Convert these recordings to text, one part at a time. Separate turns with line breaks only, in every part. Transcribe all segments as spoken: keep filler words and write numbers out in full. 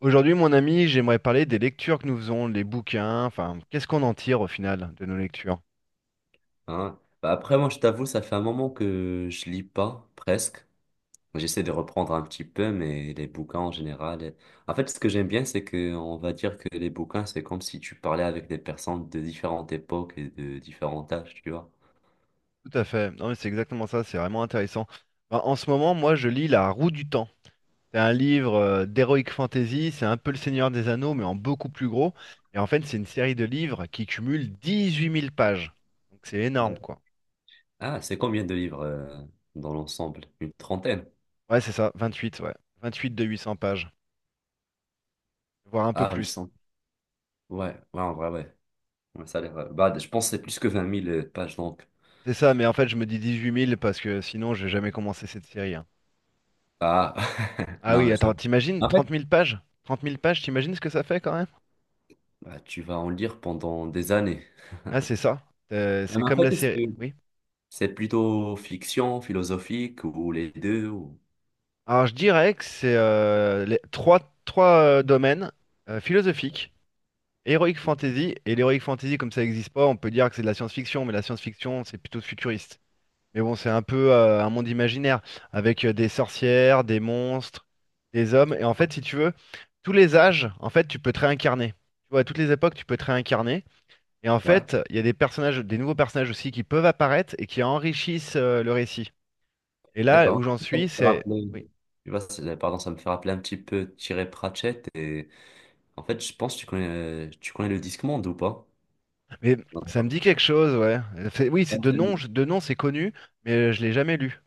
Aujourd'hui, mon ami, j'aimerais parler des lectures que nous faisons, les bouquins, enfin, qu'est-ce qu'on en tire au final de nos lectures?
Hein. Bah après, moi, je t'avoue, ça fait un moment que je lis pas, presque. J'essaie de reprendre un petit peu, mais les bouquins en général. euh, En fait, ce que j'aime bien, c'est que on va dire que les bouquins, c'est comme si tu parlais avec des personnes de différentes époques et de différents âges, tu vois.
Tout à fait. Non, mais c'est exactement ça, c'est vraiment intéressant. Ben, en ce moment, moi, je lis La Roue du Temps. C'est un livre euh, d'heroic fantasy, c'est un peu Le Seigneur des Anneaux, mais en beaucoup plus gros. Et en fait, c'est une série de livres qui cumule dix-huit mille pages. Donc c'est énorme,
D'accord.
quoi.
Ah, c'est combien de livres euh, dans l'ensemble? Une trentaine?
Ouais, c'est ça, vingt-huit, ouais. vingt-huit de huit cents pages, voire un peu
Ah, huit
plus.
cents Ouais, ouais, en vrai, ouais. Ouais, ça a l'air, euh, bah, je pense que c'est plus que vingt mille euh, pages, donc.
C'est ça, mais en fait, je me dis dix-huit mille parce que sinon, je vais jamais commencer cette série. hein.
Ah,
Ah
non,
oui,
mais c'est
attends,
bon.
t'imagines
En fait,
trente mille pages? Trente mille pages, t'imagines ce que ça fait quand même?
bah, tu vas en lire pendant des années.
Ah, c'est ça. Euh,
Ah,
c'est
mais en
comme la
fait, est-ce
série.
que...
Oui.
C'est plutôt fiction, philosophique ou les deux ou...
Alors, je dirais que c'est euh, les trois, trois euh, domaines euh, philosophiques, heroic fantasy. Et l'heroic fantasy, comme ça n'existe pas, on peut dire que c'est de la science-fiction, mais la science-fiction, c'est plutôt futuriste. Mais bon, c'est un peu euh, un monde imaginaire, avec euh, des sorcières, des monstres, des hommes. Et en fait, si tu veux, tous les âges, en fait, tu peux te réincarner. Tu vois, à toutes les époques, tu peux te réincarner. Et en
Ouais,
fait, il y a des personnages, des nouveaux personnages aussi qui peuvent apparaître et qui enrichissent euh, le récit. Et là
d'accord.
où j'en
Ça me
suis,
fait
c'est...
rappeler-
Oui,
Tu vois, c'est- pardon, ça me fait rappeler un petit peu Thierry Pratchett. Et... En fait, je pense que tu connais, tu connais le Discman ou pas?
mais ça me
Non.
dit quelque chose, ouais. Ça fait- Oui, c'est de nom, je- de nom c'est connu, mais euh, je l'ai jamais lu.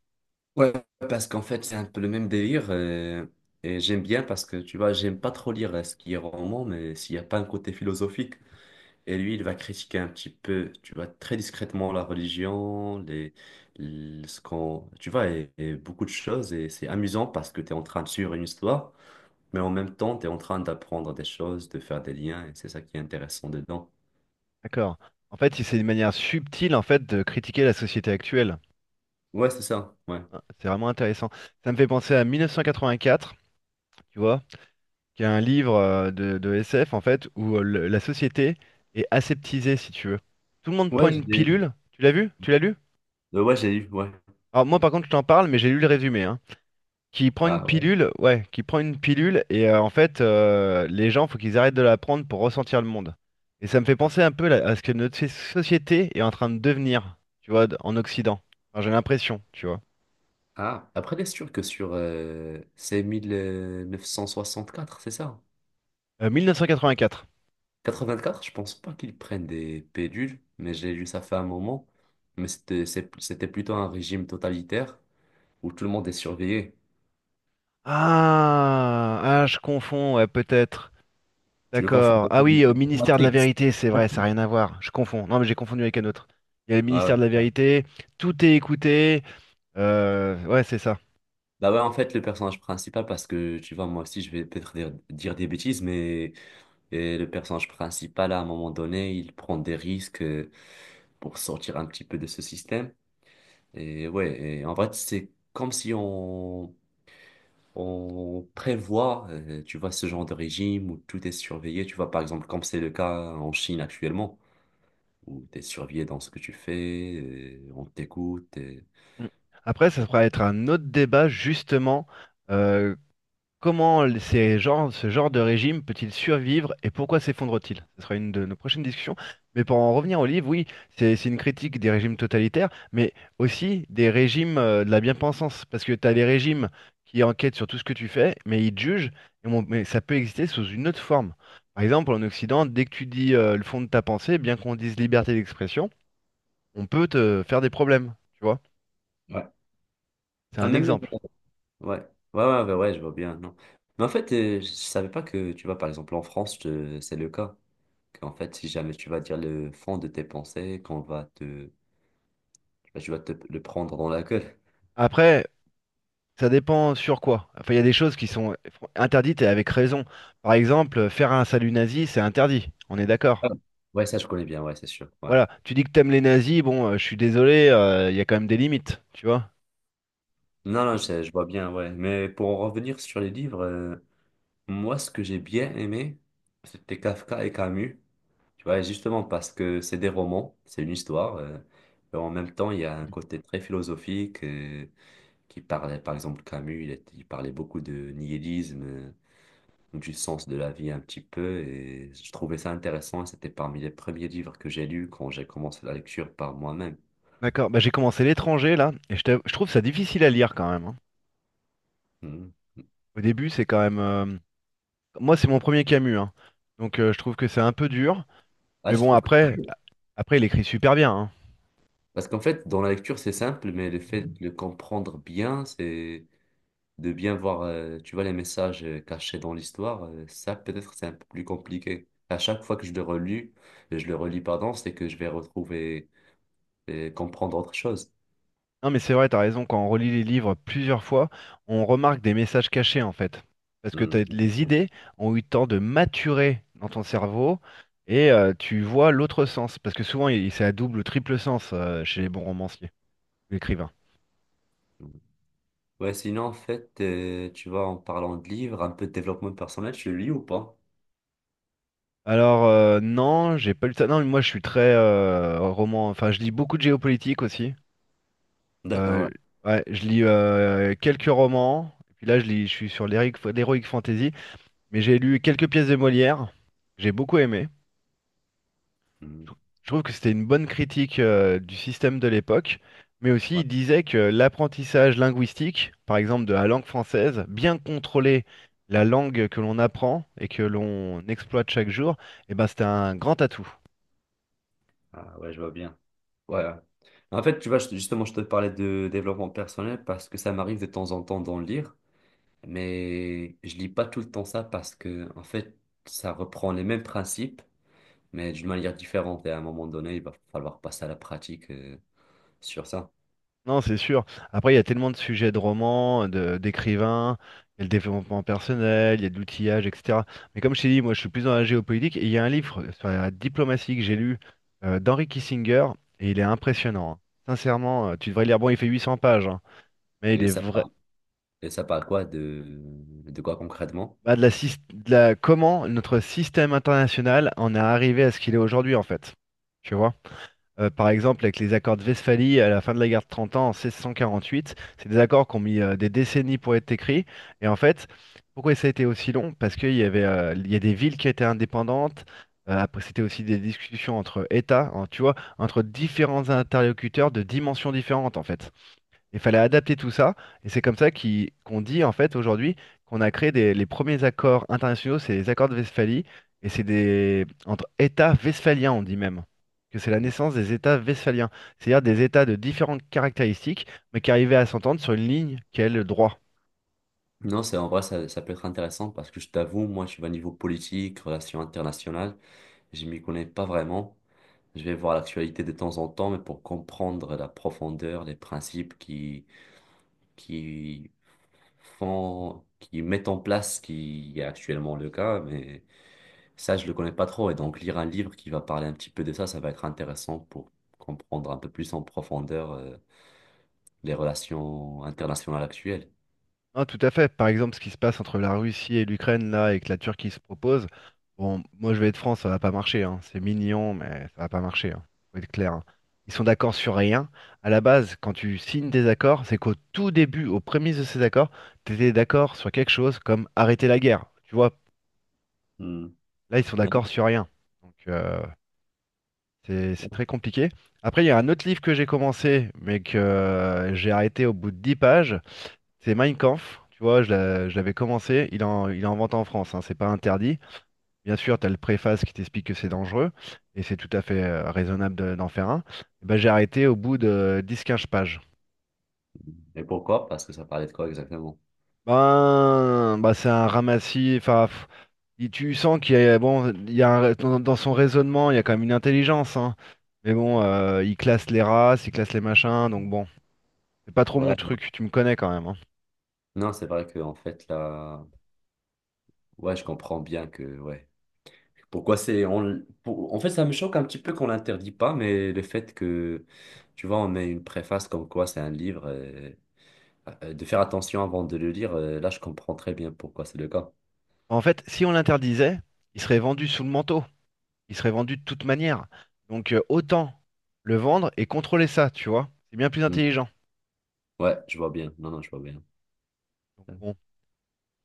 Parce qu'en fait, c'est un peu le même délire. euh, Et j'aime bien parce que, tu vois, j'aime pas trop lire euh, ce qui est roman, mais s'il n'y a pas un côté philosophique. Et lui, il va critiquer un petit peu, tu vois, très discrètement la religion, les, l- ce qu'on, tu vois, et, et beaucoup de choses. Et c'est amusant parce que tu es en train de suivre une histoire, mais en même temps, tu es en train d'apprendre des choses, de faire des liens, et c'est ça qui est intéressant dedans.
D'accord. En fait, c'est une manière subtile en fait de critiquer la société actuelle.
Ouais, c'est ça, ouais.
Ah, C'est vraiment intéressant. Ça me fait penser à mille neuf cent quatre-vingt-quatre, tu vois, qui est un livre euh, de, de S F en fait où euh, le- la société est aseptisée, si tu veux. Tout le monde prend
Ouais,
une
j'ai
pilule. Tu l'as vu? Tu l'as lu?
euh, ouais, j'ai eu, ouais.
Alors moi par contre je t'en parle mais j'ai lu le résumé hein. Qui prend
Ah,
une
ouais.
pilule, ouais, qui prend une pilule et euh, en fait euh, les gens faut qu'ils arrêtent de la prendre pour ressentir le monde. Et ça me fait penser un peu là, à ce que notre so- société est en train de devenir, tu vois, d- en Occident. Enfin, j'ai l'impression, tu vois.
Ah, après, c'est sûr que sur... euh, c'est quatre c'est ça?
Euh, mille neuf cent quatre-vingt-quatre.
quatre-vingt-quatre, je pense pas qu'ils prennent des pédules, mais j'ai lu ça fait un moment. Mais c'était c'est- c'était plutôt un régime totalitaire où tout le monde est surveillé.
Ah, ah, je confonds, ouais, peut-être.
Tu le confonds
D'accord.
avec
Ah oui, au ministère de la
Matrix.
vérité, c'est vrai, ça n'a rien à voir. Je confonds. Non, mais j'ai confondu avec un autre. Il y a le
Ouais, ouais,
ministère de la
ça.
vérité, tout est écouté. euh, ouais, c'est ça.
Bah ouais, en fait, le personnage principal, parce que tu vois, moi aussi, je vais peut-être dire, dire des bêtises, mais et le personnage principal, à un moment donné, il prend des risques euh, pour sortir un petit peu de ce système. Et ouais, et en vrai, c'est comme si on on prévoit, euh, tu vois, ce genre de régime où tout est surveillé, tu vois, par exemple, comme c'est le cas en Chine actuellement, où tu es surveillé dans ce que tu fais, euh, on t'écoute. Et...
Mm. Après, ça pourrait être un autre débat, justement. euh, comment les- ces genres- ce genre de régime peut-il survivre et pourquoi s'effondre-t-il? Ce sera une de nos prochaines discussions. Mais pour en revenir au livre, oui, c'est c'est une critique des régimes totalitaires, mais aussi des régimes euh, de la bien-pensance. Parce que tu as les régimes qui enquêtent sur tout ce que tu fais, mais ils te jugent, et mon- mais ça peut exister sous une autre forme. Par exemple, en Occident, dès que tu dis euh, le fond de ta pensée, bien qu'on dise liberté d'expression, on peut te faire des problèmes. Tu vois?
ouais.
C'est
Ah,
un
même, euh,
exemple.
ouais, ouais, ouais, ouais, ouais, je vois bien, non. Mais en fait, euh, je savais pas que, tu vois, par exemple, en France, je- c'est le cas. Qu'en fait, si jamais tu vas dire le fond de tes pensées, qu'on va te, bah, tu vas te le prendre dans la gueule.
Après, ça dépend sur quoi. Enfin, il y a des choses qui sont interdites et avec raison. Par exemple, euh, faire un salut nazi, c'est interdit. On est d'accord.
Ah, ouais, ça, je connais bien, ouais, c'est sûr, ouais.
Voilà. Tu dis que t'aimes les nazis, bon, euh, je suis désolé, euh, il y a quand même des limites, tu vois.
Non, non, je, je vois bien, ouais. Mais pour en revenir sur les livres, euh, moi, ce que j'ai bien aimé, c'était Kafka et Camus. Tu vois, justement parce que c'est des romans, c'est une histoire. Euh, et en même temps, il y a un côté très philosophique euh, qui parlait, par exemple, Camus, il, est- il parlait beaucoup de nihilisme, euh, du sens de la vie un petit peu. Et je trouvais ça intéressant. Et c'était parmi les premiers livres que j'ai lus quand j'ai commencé la lecture par moi-même.
D'accord. Bah, j'ai commencé l'étranger là, et je, t'avoue- je trouve ça difficile à lire quand même, hein.
Mhm.
Au début, c'est quand même. euh, Moi, c'est mon premier Camus, hein. Donc, euh, je trouve que c'est un peu dur.
Ah,
Mais
je
bon,
trouve que...
après, après, il écrit super bien, hein.
Parce qu'en fait, dans la lecture, c'est simple, mais le fait de le comprendre bien, c'est de bien voir, euh, tu vois, les messages euh, cachés dans l'histoire, euh, ça peut-être c'est un peu plus compliqué. À chaque fois que je le relis, euh, je le relis, pardon, c'est que je vais retrouver et comprendre autre chose.
Non, mais c'est vrai, t'as raison, quand on relit les livres plusieurs fois, on remarque des messages cachés en fait. Parce que
Hmm.
t'as- les idées ont eu le temps de maturer dans ton cerveau et euh, tu vois l'autre sens. Parce que souvent, il- c'est à double ou triple sens euh, chez les bons romanciers, ou écrivains.
Ouais, sinon, en fait, euh, tu vois, en parlant de livres, un peu de développement personnel, tu le lis ou pas?
Alors, euh, non, j'ai pas lu ça. Non, mais moi, je suis très euh, roman. Enfin, je lis beaucoup de géopolitique aussi.
D'accord,
Euh,
ouais.
ouais, je lis euh, quelques romans. Et puis là, je lis, je suis sur l'héroic l'héroïque fantasy. Mais j'ai lu quelques pièces de Molière. J'ai beaucoup aimé.
Hmm.
Je trouve que c'était une bonne critique euh, du système de l'époque, mais aussi
Ouais,
il disait que l'apprentissage linguistique, par exemple de la langue française, bien contrôler la langue que l'on apprend et que l'on exploite chaque jour, eh ben, c'était un grand atout.
ah, ouais, je vois bien. Ouais, ouais. En fait, tu vois, je- justement, je te parlais de développement personnel parce que ça m'arrive de temps en temps d'en lire. Mais je lis pas tout le temps ça parce que, en fait, ça reprend les mêmes principes, mais d'une manière différente. Et à un moment donné, il va falloir passer à la pratique, euh, sur ça.
Non, c'est sûr. Après, il y a tellement de sujets de romans, de, d'écrivains, il y a le développement personnel, il y a de l'outillage, et cetera. Mais comme je t'ai dit, moi, je suis plus dans la géopolitique et il y a un livre sur la diplomatie que j'ai lu euh, d'Henry Kissinger et il est impressionnant, hein. Sincèrement, euh, tu devrais le lire. Bon, il fait huit cents pages, hein, mais il
Et
est
ça
vrai.
parle, et ça parle quoi de, de quoi concrètement?
Bah, de la, sys- de la- comment notre système international en est arrivé à ce qu'il est aujourd'hui, en fait. Tu vois? Euh, par exemple, avec les accords de Westphalie à la fin de la guerre de Trente ans en seize cent quarante-huit, c'est des accords qui ont mis euh, des décennies pour être écrits. Et en fait, pourquoi ça a été aussi long? Parce qu'il y avait, euh, il y a des villes qui étaient indépendantes. Euh, après, c'était aussi des discussions entre États, hein, tu vois, entre différents interlocuteurs de dimensions différentes, en fait. Il fallait adapter tout ça, et c'est comme ça qu'il- qu'on dit en fait aujourd'hui qu'on a créé des- les premiers accords internationaux, c'est les accords de Westphalie, et c'est des entre États westphaliens, on dit même que c'est la naissance des États westphaliens, c'est-à-dire des États de différentes caractéristiques, mais qui arrivaient à s'entendre sur une ligne qui est le droit.
Non, c'est en vrai, ça, ça peut être intéressant parce que je t'avoue, moi, je suis à niveau politique, relations internationales, je m'y connais pas vraiment. Je vais voir l'actualité de temps en temps, mais pour comprendre la profondeur, les principes qui, qui font, qui mettent en place ce qui est actuellement le cas, mais ça, je le connais pas trop. Et donc, lire un livre qui va parler un petit peu de ça, ça va être intéressant pour comprendre un peu plus en profondeur euh, les relations internationales actuelles.
Non, tout à fait. Par exemple, ce qui se passe entre la Russie et l'Ukraine, là, et que la Turquie se propose, bon, moi je vais être franc, ça va pas marcher, hein. C'est mignon, mais ça va pas marcher, hein. Faut être clair, hein. Ils sont d'accord sur rien. À la base, quand tu signes des accords, c'est qu'au tout début, aux prémices de ces accords, tu étais d'accord sur quelque chose comme arrêter la guerre. Tu vois,
Hmm.
là, ils sont d'accord sur rien. Donc, euh, c'est c'est très
Hein.
compliqué. Après, il y a un autre livre que j'ai commencé, mais que euh, j'ai arrêté au bout de dix pages. C'est Mein Kampf, tu vois, je l'a- je l'avais commencé, il est en, il est en vente en France, hein, c'est pas interdit. Bien sûr, tu as le préface qui t'explique que c'est dangereux, et c'est tout à fait euh, raisonnable de- d'en faire un. Et ben, j'ai arrêté au bout de dix quinze pages.
Et pourquoi? Parce que ça parlait de quoi exactement?
Ben, bah, c'est un ramassis, enfin, pff, il- tu sens qu'il y a, bon, il y a un- dans, dans son raisonnement, il y a quand même une intelligence, hein. Mais bon, euh, il classe les races, il classe les machins, donc bon. C'est pas trop mon
Ouais,
truc, tu me connais quand même, hein.
non, c'est vrai que en fait, là, ouais, je comprends bien que, ouais. Pourquoi c'est. On... pour- En fait, ça me choque un petit peu qu'on l'interdit pas, mais le fait que, tu vois, on met une préface comme quoi c'est un livre. Euh, euh, de faire attention avant de le lire, euh, là, je comprends très bien pourquoi c'est le cas.
En fait, si on l'interdisait, il serait vendu sous le manteau. Il serait vendu de toute manière. Donc euh, autant le vendre et contrôler ça, tu vois. C'est bien plus
Mm.
intelligent.
Ouais, je vois bien. Non, non, je vois bien. Ouais.
Bon,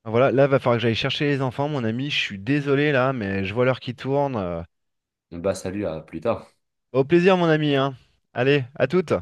ben voilà, là, va falloir que j'aille chercher les enfants, mon ami. Je suis désolé là, mais je vois l'heure qui tourne. euh.
Bah, salut, à plus tard.
Au plaisir, mon ami, hein. Allez, à toutes.